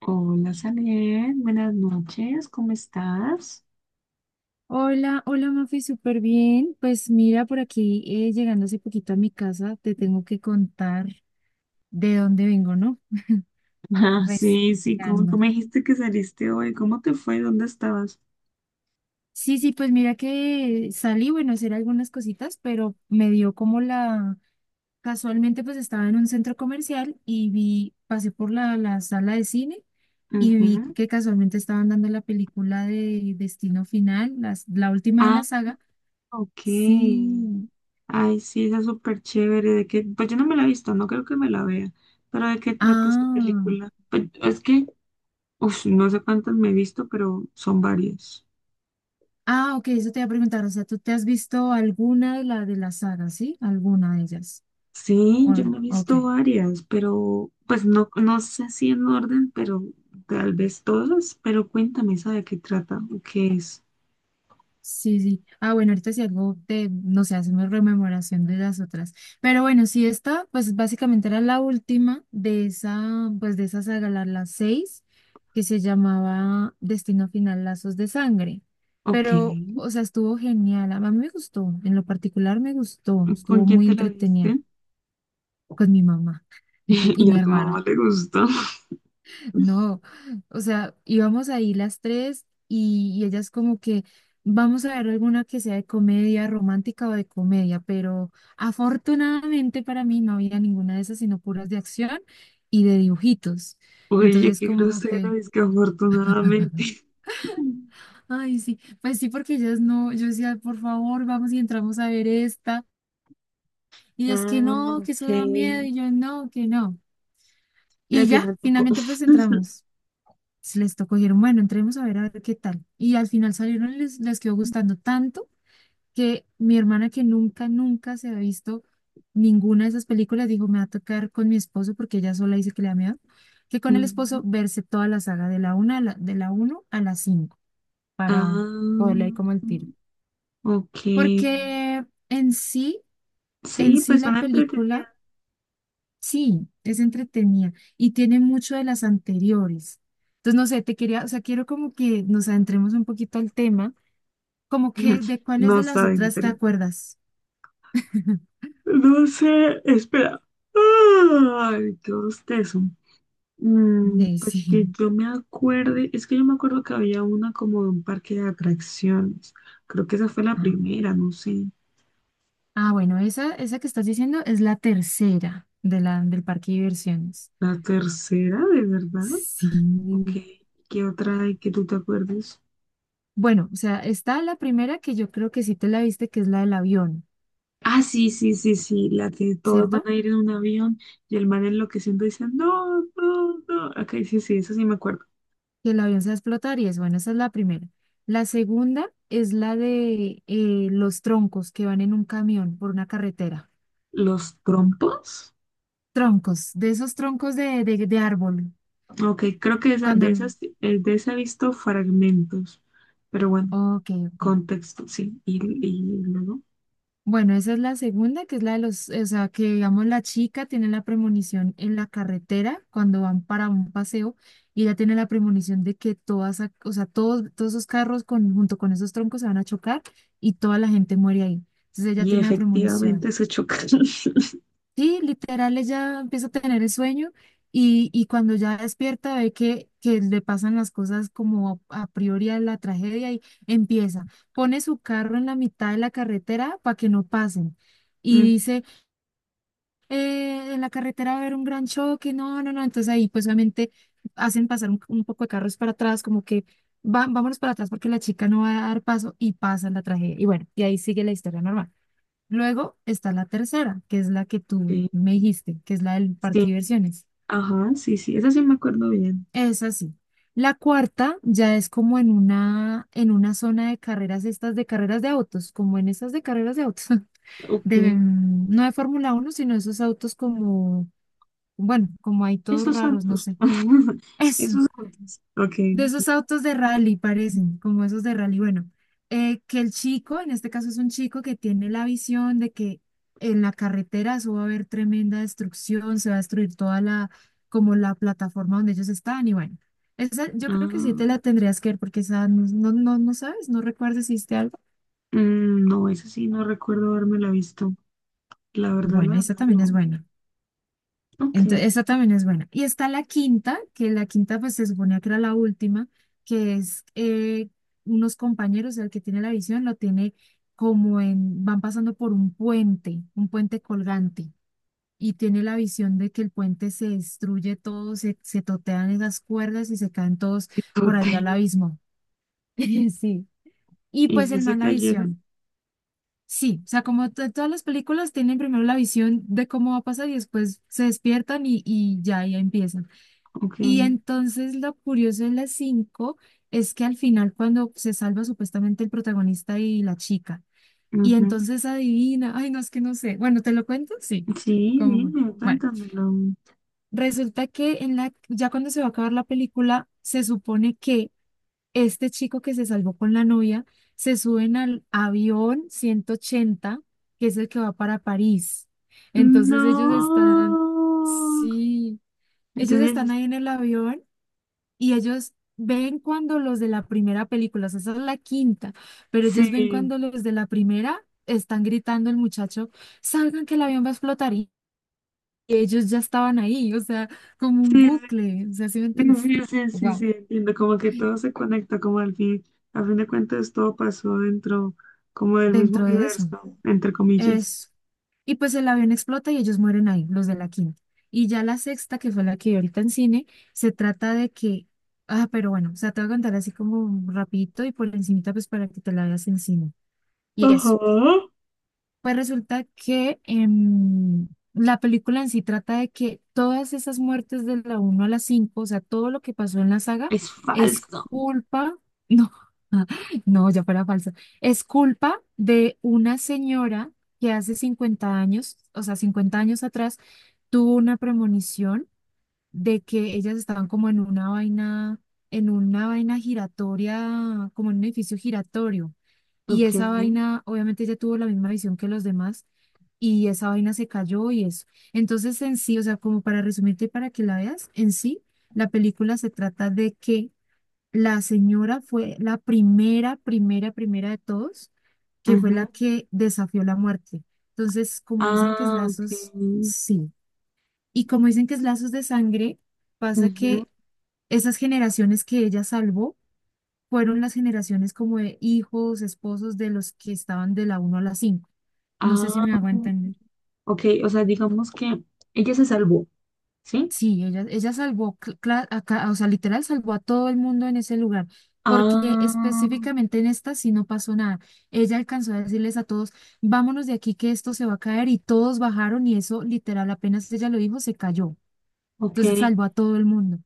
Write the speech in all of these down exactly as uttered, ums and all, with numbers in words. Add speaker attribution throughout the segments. Speaker 1: Hola, Saler, buenas noches, ¿cómo estás?
Speaker 2: Hola, hola Mafi, súper bien. Pues mira, por aquí eh, llegando hace poquito a mi casa, te tengo que contar de dónde vengo, ¿no?
Speaker 1: Ah, sí, sí, como tú
Speaker 2: Respirando.
Speaker 1: me dijiste que saliste hoy, ¿cómo te fue? ¿Dónde estabas?
Speaker 2: Sí, sí, pues mira que salí, bueno, a hacer algunas cositas, pero me dio como la... Casualmente pues estaba en un centro comercial y vi, pasé por la, la sala de cine y vi
Speaker 1: Ujú.
Speaker 2: que casualmente estaban dando la película de Destino Final, las- la última de
Speaker 1: Ah,
Speaker 2: la saga.
Speaker 1: ok.
Speaker 2: Sí.
Speaker 1: Ay, sí, esa es súper chévere. ¿De qué? Pues yo no me la he visto, no creo que me la vea. ¿Pero de qué trata esta
Speaker 2: Ah.
Speaker 1: película? Pues, es que, uf, no sé cuántas me he visto, pero son varias.
Speaker 2: Ah, ok, eso te iba a preguntar. O sea, ¿tú te has visto alguna de la de la saga, sí? ¿Alguna de ellas?
Speaker 1: Sí,
Speaker 2: O-
Speaker 1: yo me he
Speaker 2: ok.
Speaker 1: visto varias, pero pues no, no sé si en orden, pero tal vez todas. Pero cuéntame, ¿sabe de qué trata? ¿O qué es?
Speaker 2: Sí, sí. Ah, bueno, ahorita si algo te, no sé, hacemos rememoración de las otras. Pero bueno, sí, esta, pues básicamente era la última de esa, pues de esa saga, la, la seis, que se llamaba Destino Final, Lazos de Sangre.
Speaker 1: Ok,
Speaker 2: Pero, o sea, estuvo genial. A mí me gustó, en lo particular me gustó.
Speaker 1: ¿con
Speaker 2: Estuvo
Speaker 1: quién
Speaker 2: muy
Speaker 1: te la
Speaker 2: entretenida
Speaker 1: viste?
Speaker 2: con mi mamá y
Speaker 1: Y
Speaker 2: mi
Speaker 1: a tu mamá
Speaker 2: hermana.
Speaker 1: le gustó.
Speaker 2: No, o sea, íbamos ahí las tres y, y ellas como que vamos a ver alguna que sea de comedia romántica o de comedia, pero afortunadamente para mí no había ninguna de esas, sino puras de acción y de dibujitos.
Speaker 1: Oye,
Speaker 2: Entonces
Speaker 1: qué
Speaker 2: como que,
Speaker 1: grosero, es que afortunadamente.
Speaker 2: ay, sí, pues sí, porque ellas no, yo decía, por favor, vamos y entramos a ver esta. Y ellas que no,
Speaker 1: Ah,
Speaker 2: que
Speaker 1: ok.
Speaker 2: eso da miedo,
Speaker 1: Y
Speaker 2: y yo no, que no.
Speaker 1: al
Speaker 2: Y ya,
Speaker 1: final,
Speaker 2: finalmente pues entramos. Pues, les tocó, dijeron, bueno, entremos a ver a ver qué tal. Y al final salieron, les, les quedó gustando tanto que mi hermana, que nunca, nunca se ha visto ninguna de esas películas, dijo, me va a tocar con mi esposo, porque ella sola dice que le da miedo, que con el
Speaker 1: mm,
Speaker 2: esposo verse toda la saga de la una a la, de la uno a la cinco para poderle ahí
Speaker 1: ah,
Speaker 2: como el tiro.
Speaker 1: ok.
Speaker 2: Porque en sí, en
Speaker 1: Sí,
Speaker 2: sí
Speaker 1: pues
Speaker 2: la
Speaker 1: son
Speaker 2: película.
Speaker 1: entretenidas.
Speaker 2: Sí, es entretenida y tiene mucho de las anteriores. Entonces, no sé, te quería, o sea, quiero como que nos adentremos un poquito al tema, como que de cuáles
Speaker 1: No
Speaker 2: de las
Speaker 1: está
Speaker 2: otras
Speaker 1: dentro.
Speaker 2: te acuerdas.
Speaker 1: No, no sé, espera. Ay, qué bostezo. Mm,
Speaker 2: De
Speaker 1: pues que
Speaker 2: sí.
Speaker 1: yo me acuerde, es que yo me acuerdo que había una como de un parque de atracciones. Creo que esa fue la
Speaker 2: Ah.
Speaker 1: primera, no sé.
Speaker 2: Ah, bueno, esa, esa que estás diciendo es la tercera de la, del parque de diversiones.
Speaker 1: ¿La tercera, de verdad? Ok.
Speaker 2: Sí.
Speaker 1: ¿Qué otra hay que tú te acuerdes?
Speaker 2: Bueno, o sea, está la primera que yo creo que sí te la viste, que es la del avión,
Speaker 1: Ah, sí, sí, sí, sí. La que todos van
Speaker 2: ¿cierto?
Speaker 1: a ir en un avión y el man enloqueciendo dice, no, no, no. Ok, sí, sí, eso sí me acuerdo.
Speaker 2: Que el avión se va a explotar y eso, bueno, esa es la primera. La segunda es la de eh, los troncos que van en un camión por una carretera.
Speaker 1: ¿Los trompos?
Speaker 2: Troncos, de esos troncos de, de, de árbol.
Speaker 1: Ok, creo que esa,
Speaker 2: Cuando...
Speaker 1: de
Speaker 2: el-
Speaker 1: esas, eh, de esa he visto fragmentos. Pero bueno,
Speaker 2: ok, ok.
Speaker 1: contexto, sí. Y, y luego.
Speaker 2: Bueno, esa es la segunda, que es la de los, o sea, que digamos la chica tiene la premonición en la carretera cuando van para un paseo y ella tiene la premonición de que todas, ac- o sea, todos, todos esos carros con, junto con esos troncos se van a chocar y toda la gente muere ahí. Entonces ella
Speaker 1: Y
Speaker 2: tiene la
Speaker 1: efectivamente
Speaker 2: premonición.
Speaker 1: se chocan.
Speaker 2: Sí, literal, ella empieza a tener el sueño y, y cuando ya despierta ve que, que le pasan las cosas como a priori a la tragedia y empieza, pone su carro en la mitad de la carretera para que no pasen y
Speaker 1: Ujú,
Speaker 2: dice, "Eh, en la carretera va a haber un gran choque, no, no, no", entonces ahí pues obviamente hacen pasar un, un poco de carros para atrás, como que va- vámonos para atrás porque la chica no va a dar paso y pasa la tragedia y bueno, y ahí sigue la historia normal. Luego está la tercera, que es la que tú
Speaker 1: ok.
Speaker 2: me dijiste, que es la del
Speaker 1: Sí,
Speaker 2: parque de diversiones.
Speaker 1: ajá, sí, sí, esa sí me acuerdo bien.
Speaker 2: Es así. La cuarta ya es como en una, en una zona de carreras, estas de carreras de autos, como en estas de carreras de autos,
Speaker 1: Ok,
Speaker 2: de, mm, no de Fórmula uno sino esos autos como, bueno, como hay todos
Speaker 1: esos
Speaker 2: raros, no
Speaker 1: autos.
Speaker 2: sé. Eso.
Speaker 1: Esos autos. Ok.
Speaker 2: De esos autos de rally parecen, como esos de rally. Bueno, eh, que el chico, en este caso es un chico que tiene la visión de que en la carretera eso va a haber tremenda destrucción, se va a destruir toda la, como la plataforma donde ellos están. Y bueno, esa, yo creo que sí te
Speaker 1: Ah,
Speaker 2: la tendrías que ver porque esa no, no, no, no sabes, no recuerdas si hiciste algo.
Speaker 1: mm, no, eso sí, no recuerdo haberme la visto. La verdad, la
Speaker 2: Bueno, esa
Speaker 1: verdad,
Speaker 2: también es
Speaker 1: no.
Speaker 2: buena.
Speaker 1: Ok,
Speaker 2: Entonces, esa también es buena. Y está la quinta, que la quinta pues se suponía que era la última, que es eh, unos compañeros, el que tiene la visión lo tiene como en, van pasando por un puente, un puente colgante, y tiene la visión de que el puente se destruye todo, se, se totean esas cuerdas y se caen todos
Speaker 1: qué
Speaker 2: por allá
Speaker 1: tote.
Speaker 2: al abismo. Sí. Y
Speaker 1: ¿Y
Speaker 2: pues
Speaker 1: si
Speaker 2: el
Speaker 1: se
Speaker 2: man la
Speaker 1: cayeron?
Speaker 2: visión. Sí, o sea, como to- todas las películas tienen primero la visión de cómo va a pasar y después se despiertan y, y ya, ya empieza.
Speaker 1: Ok.
Speaker 2: Y entonces lo curioso en las cinco es que al final cuando se salva supuestamente el protagonista y la chica, y
Speaker 1: Ujú.
Speaker 2: entonces adivina, ay no, es que no sé, bueno, ¿te lo cuento? Sí,
Speaker 1: Sí,
Speaker 2: como,
Speaker 1: dime,
Speaker 2: bueno,
Speaker 1: cuéntamelo.
Speaker 2: resulta que en la, ya cuando se va a acabar la película, se supone que este chico que se salvó con la novia, se suben al avión ciento ochenta que es el que va para París. Entonces
Speaker 1: No.
Speaker 2: ellos están, sí, ellos están
Speaker 1: Entonces,
Speaker 2: ahí en el avión y ellos ven cuando los de la primera película, o sea, esa es la quinta, pero ellos ven
Speaker 1: sí,
Speaker 2: cuando los de la primera están gritando el muchacho, salgan que el avión va a explotar y ellos ya estaban ahí, o sea, como un
Speaker 1: sí, sí,
Speaker 2: bucle, o sea, ¿sí me entiendes?
Speaker 1: sí, sí, sí,
Speaker 2: Wow,
Speaker 1: sí, entiendo, como que todo se conecta, como al fin, a fin de cuentas todo pasó dentro, como del mismo
Speaker 2: dentro de eso.
Speaker 1: universo, entre comillas.
Speaker 2: Eso. Y pues el avión explota y ellos mueren ahí, los de la quinta. Y ya la sexta, que fue la que vi ahorita en cine, se trata de que, ah, pero bueno, o sea, te voy a contar así como rapidito y por encimita pues para que te la veas en cine. Y eso.
Speaker 1: Ajá.
Speaker 2: Pues resulta que em, la película en sí trata de que todas esas muertes de la uno a la cinco, o sea, todo lo que pasó en la saga,
Speaker 1: Es
Speaker 2: es
Speaker 1: falso.
Speaker 2: culpa, no, no, ya fuera falsa, es culpa de una señora que hace cincuenta años, o sea, cincuenta años atrás, tuvo una premonición de que ellas estaban como en una vaina, en una vaina giratoria, como en un edificio giratorio. Y
Speaker 1: Ok.
Speaker 2: esa vaina, obviamente ella tuvo la misma visión que los demás y esa vaina se cayó y eso. Entonces en sí, o sea, como para resumirte y para que la veas, en sí, la película se trata de que la señora fue la primera, primera, primera de todos, que fue la
Speaker 1: Ajá.
Speaker 2: que desafió la muerte. Entonces, como dicen que es
Speaker 1: Ah, ok.
Speaker 2: lazos, sí. Y como dicen que es lazos de sangre, pasa
Speaker 1: Ujú.
Speaker 2: que esas generaciones que ella salvó fueron las generaciones como de hijos, esposos de los que estaban de la uno a la cinco. No sé si
Speaker 1: Ah,
Speaker 2: me hago entender.
Speaker 1: ok. O sea, digamos que ella se salvó, ¿sí?
Speaker 2: Sí, ella, ella salvó, cl- cla- a ca- o sea, literal salvó a todo el mundo en ese lugar, porque
Speaker 1: Ah,
Speaker 2: específicamente en esta sí no pasó nada. Ella alcanzó a decirles a todos, vámonos de aquí que esto se va a caer y todos bajaron y eso literal apenas ella lo dijo, se cayó.
Speaker 1: ok.
Speaker 2: Entonces salvó a todo el mundo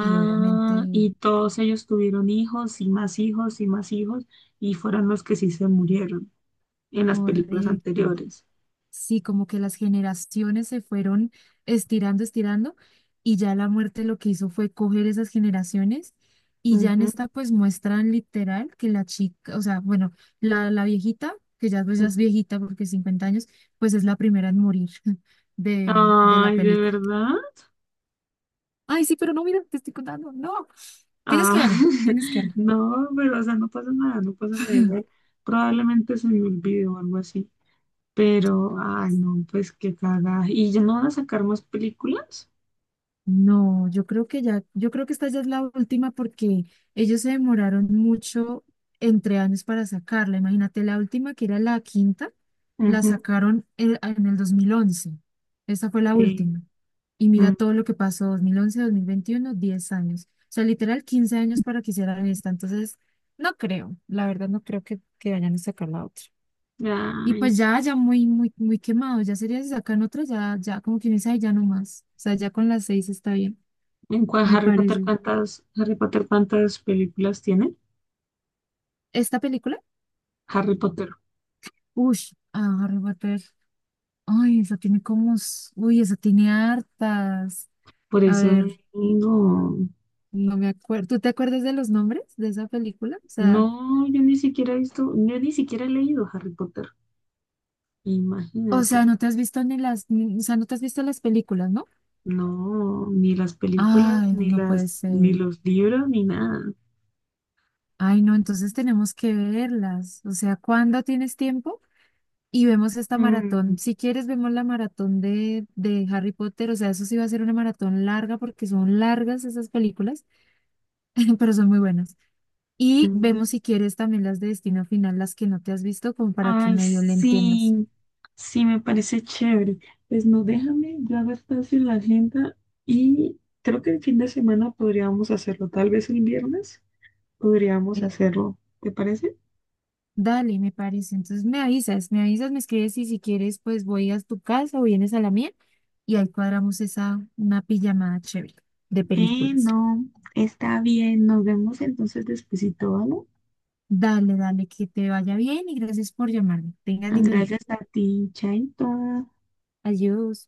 Speaker 2: y obviamente
Speaker 1: y todos ellos tuvieron hijos y más hijos y más hijos y fueron los que sí se murieron en las películas
Speaker 2: correcto.
Speaker 1: anteriores.
Speaker 2: Sí, como que las generaciones se fueron estirando, estirando, y ya la muerte lo que hizo fue coger esas generaciones, y ya en
Speaker 1: Ujú,
Speaker 2: esta pues muestran literal que la chica, o sea, bueno, la, la viejita, que ya pues ya es
Speaker 1: ujú.
Speaker 2: viejita porque cincuenta años, pues es la primera en morir de, de la
Speaker 1: Ay, ¿de
Speaker 2: película.
Speaker 1: verdad?
Speaker 2: Ay, sí, pero no, mira, te estoy contando. No, tienes
Speaker 1: Ah,
Speaker 2: que verla, tienes que verla.
Speaker 1: no, pero o sea, no pasa nada, no pasa nada igual. Probablemente se me olvide o algo así. Pero, ay, no, pues qué cagada. ¿Y ya no van a sacar más películas?
Speaker 2: No, yo creo que ya, yo creo que esta ya es la última porque ellos se demoraron mucho entre años para sacarla. Imagínate, la última que era la quinta, la
Speaker 1: Ujú.
Speaker 2: sacaron en, en el dos mil once. Esta fue la
Speaker 1: Sí.
Speaker 2: última. Y mira
Speaker 1: Mm.
Speaker 2: todo lo que pasó, dos dos mil once, dos mil veintiuno, diez años. O sea, literal quince años para que hicieran esta. Entonces, no creo, la verdad no creo que, que vayan a sacar la otra. Y
Speaker 1: Ay,
Speaker 2: pues ya, ya muy, muy, muy quemado. Ya sería si sacan otra, ya, ya como quien dice, "Ay, ya no más. O sea, ya con las seis está bien
Speaker 1: ¿en cuál
Speaker 2: me
Speaker 1: Harry Potter
Speaker 2: parece".
Speaker 1: cuántas, Harry Potter cuántas películas tiene?
Speaker 2: Esta película,
Speaker 1: Harry Potter.
Speaker 2: uy, a Harry Potter. Ay, esa tiene como... s- uy, esa tiene hartas.
Speaker 1: Por
Speaker 2: A
Speaker 1: eso
Speaker 2: ver,
Speaker 1: no,
Speaker 2: no me acuerdo. ¿Tú te acuerdas de los nombres de esa película? O sea,
Speaker 1: no, yo ni siquiera he visto, yo ni siquiera he leído Harry Potter.
Speaker 2: o sea,
Speaker 1: Imagínate,
Speaker 2: no te has visto ni las... ni- o sea, no te has visto las películas, ¿no?
Speaker 1: no, ni las películas,
Speaker 2: Ay,
Speaker 1: ni
Speaker 2: no puede
Speaker 1: las, ni
Speaker 2: ser.
Speaker 1: los libros, ni nada.
Speaker 2: Ay, no, entonces tenemos que verlas. O sea, ¿cuándo tienes tiempo? Y vemos esta
Speaker 1: Mm,
Speaker 2: maratón. Si quieres, vemos la maratón de, de Harry Potter. O sea, eso sí va a ser una maratón larga porque son largas esas películas. Pero son muy buenas. Y
Speaker 1: mm.
Speaker 2: vemos si quieres también las de Destino Final, las que no te has visto, como para que
Speaker 1: Ay,
Speaker 2: medio le entiendas.
Speaker 1: sí, sí, me parece chévere. Pues no, déjame, yo hago espacio en la agenda y creo que el fin de semana podríamos hacerlo, tal vez el viernes podríamos
Speaker 2: Eh,
Speaker 1: hacerlo, ¿te parece?
Speaker 2: dale, me parece. Entonces me avisas, me avisas, me escribes y si quieres, pues voy a tu casa o vienes a la mía y ahí cuadramos esa, una pijamada chévere de
Speaker 1: Eh,
Speaker 2: películas.
Speaker 1: no, está bien, nos vemos entonces despuesito, ¿vale?
Speaker 2: Dale, dale, que te vaya bien y gracias por llamarme. Tengas lindo día.
Speaker 1: Gracias a ti, Chaito.
Speaker 2: Adiós.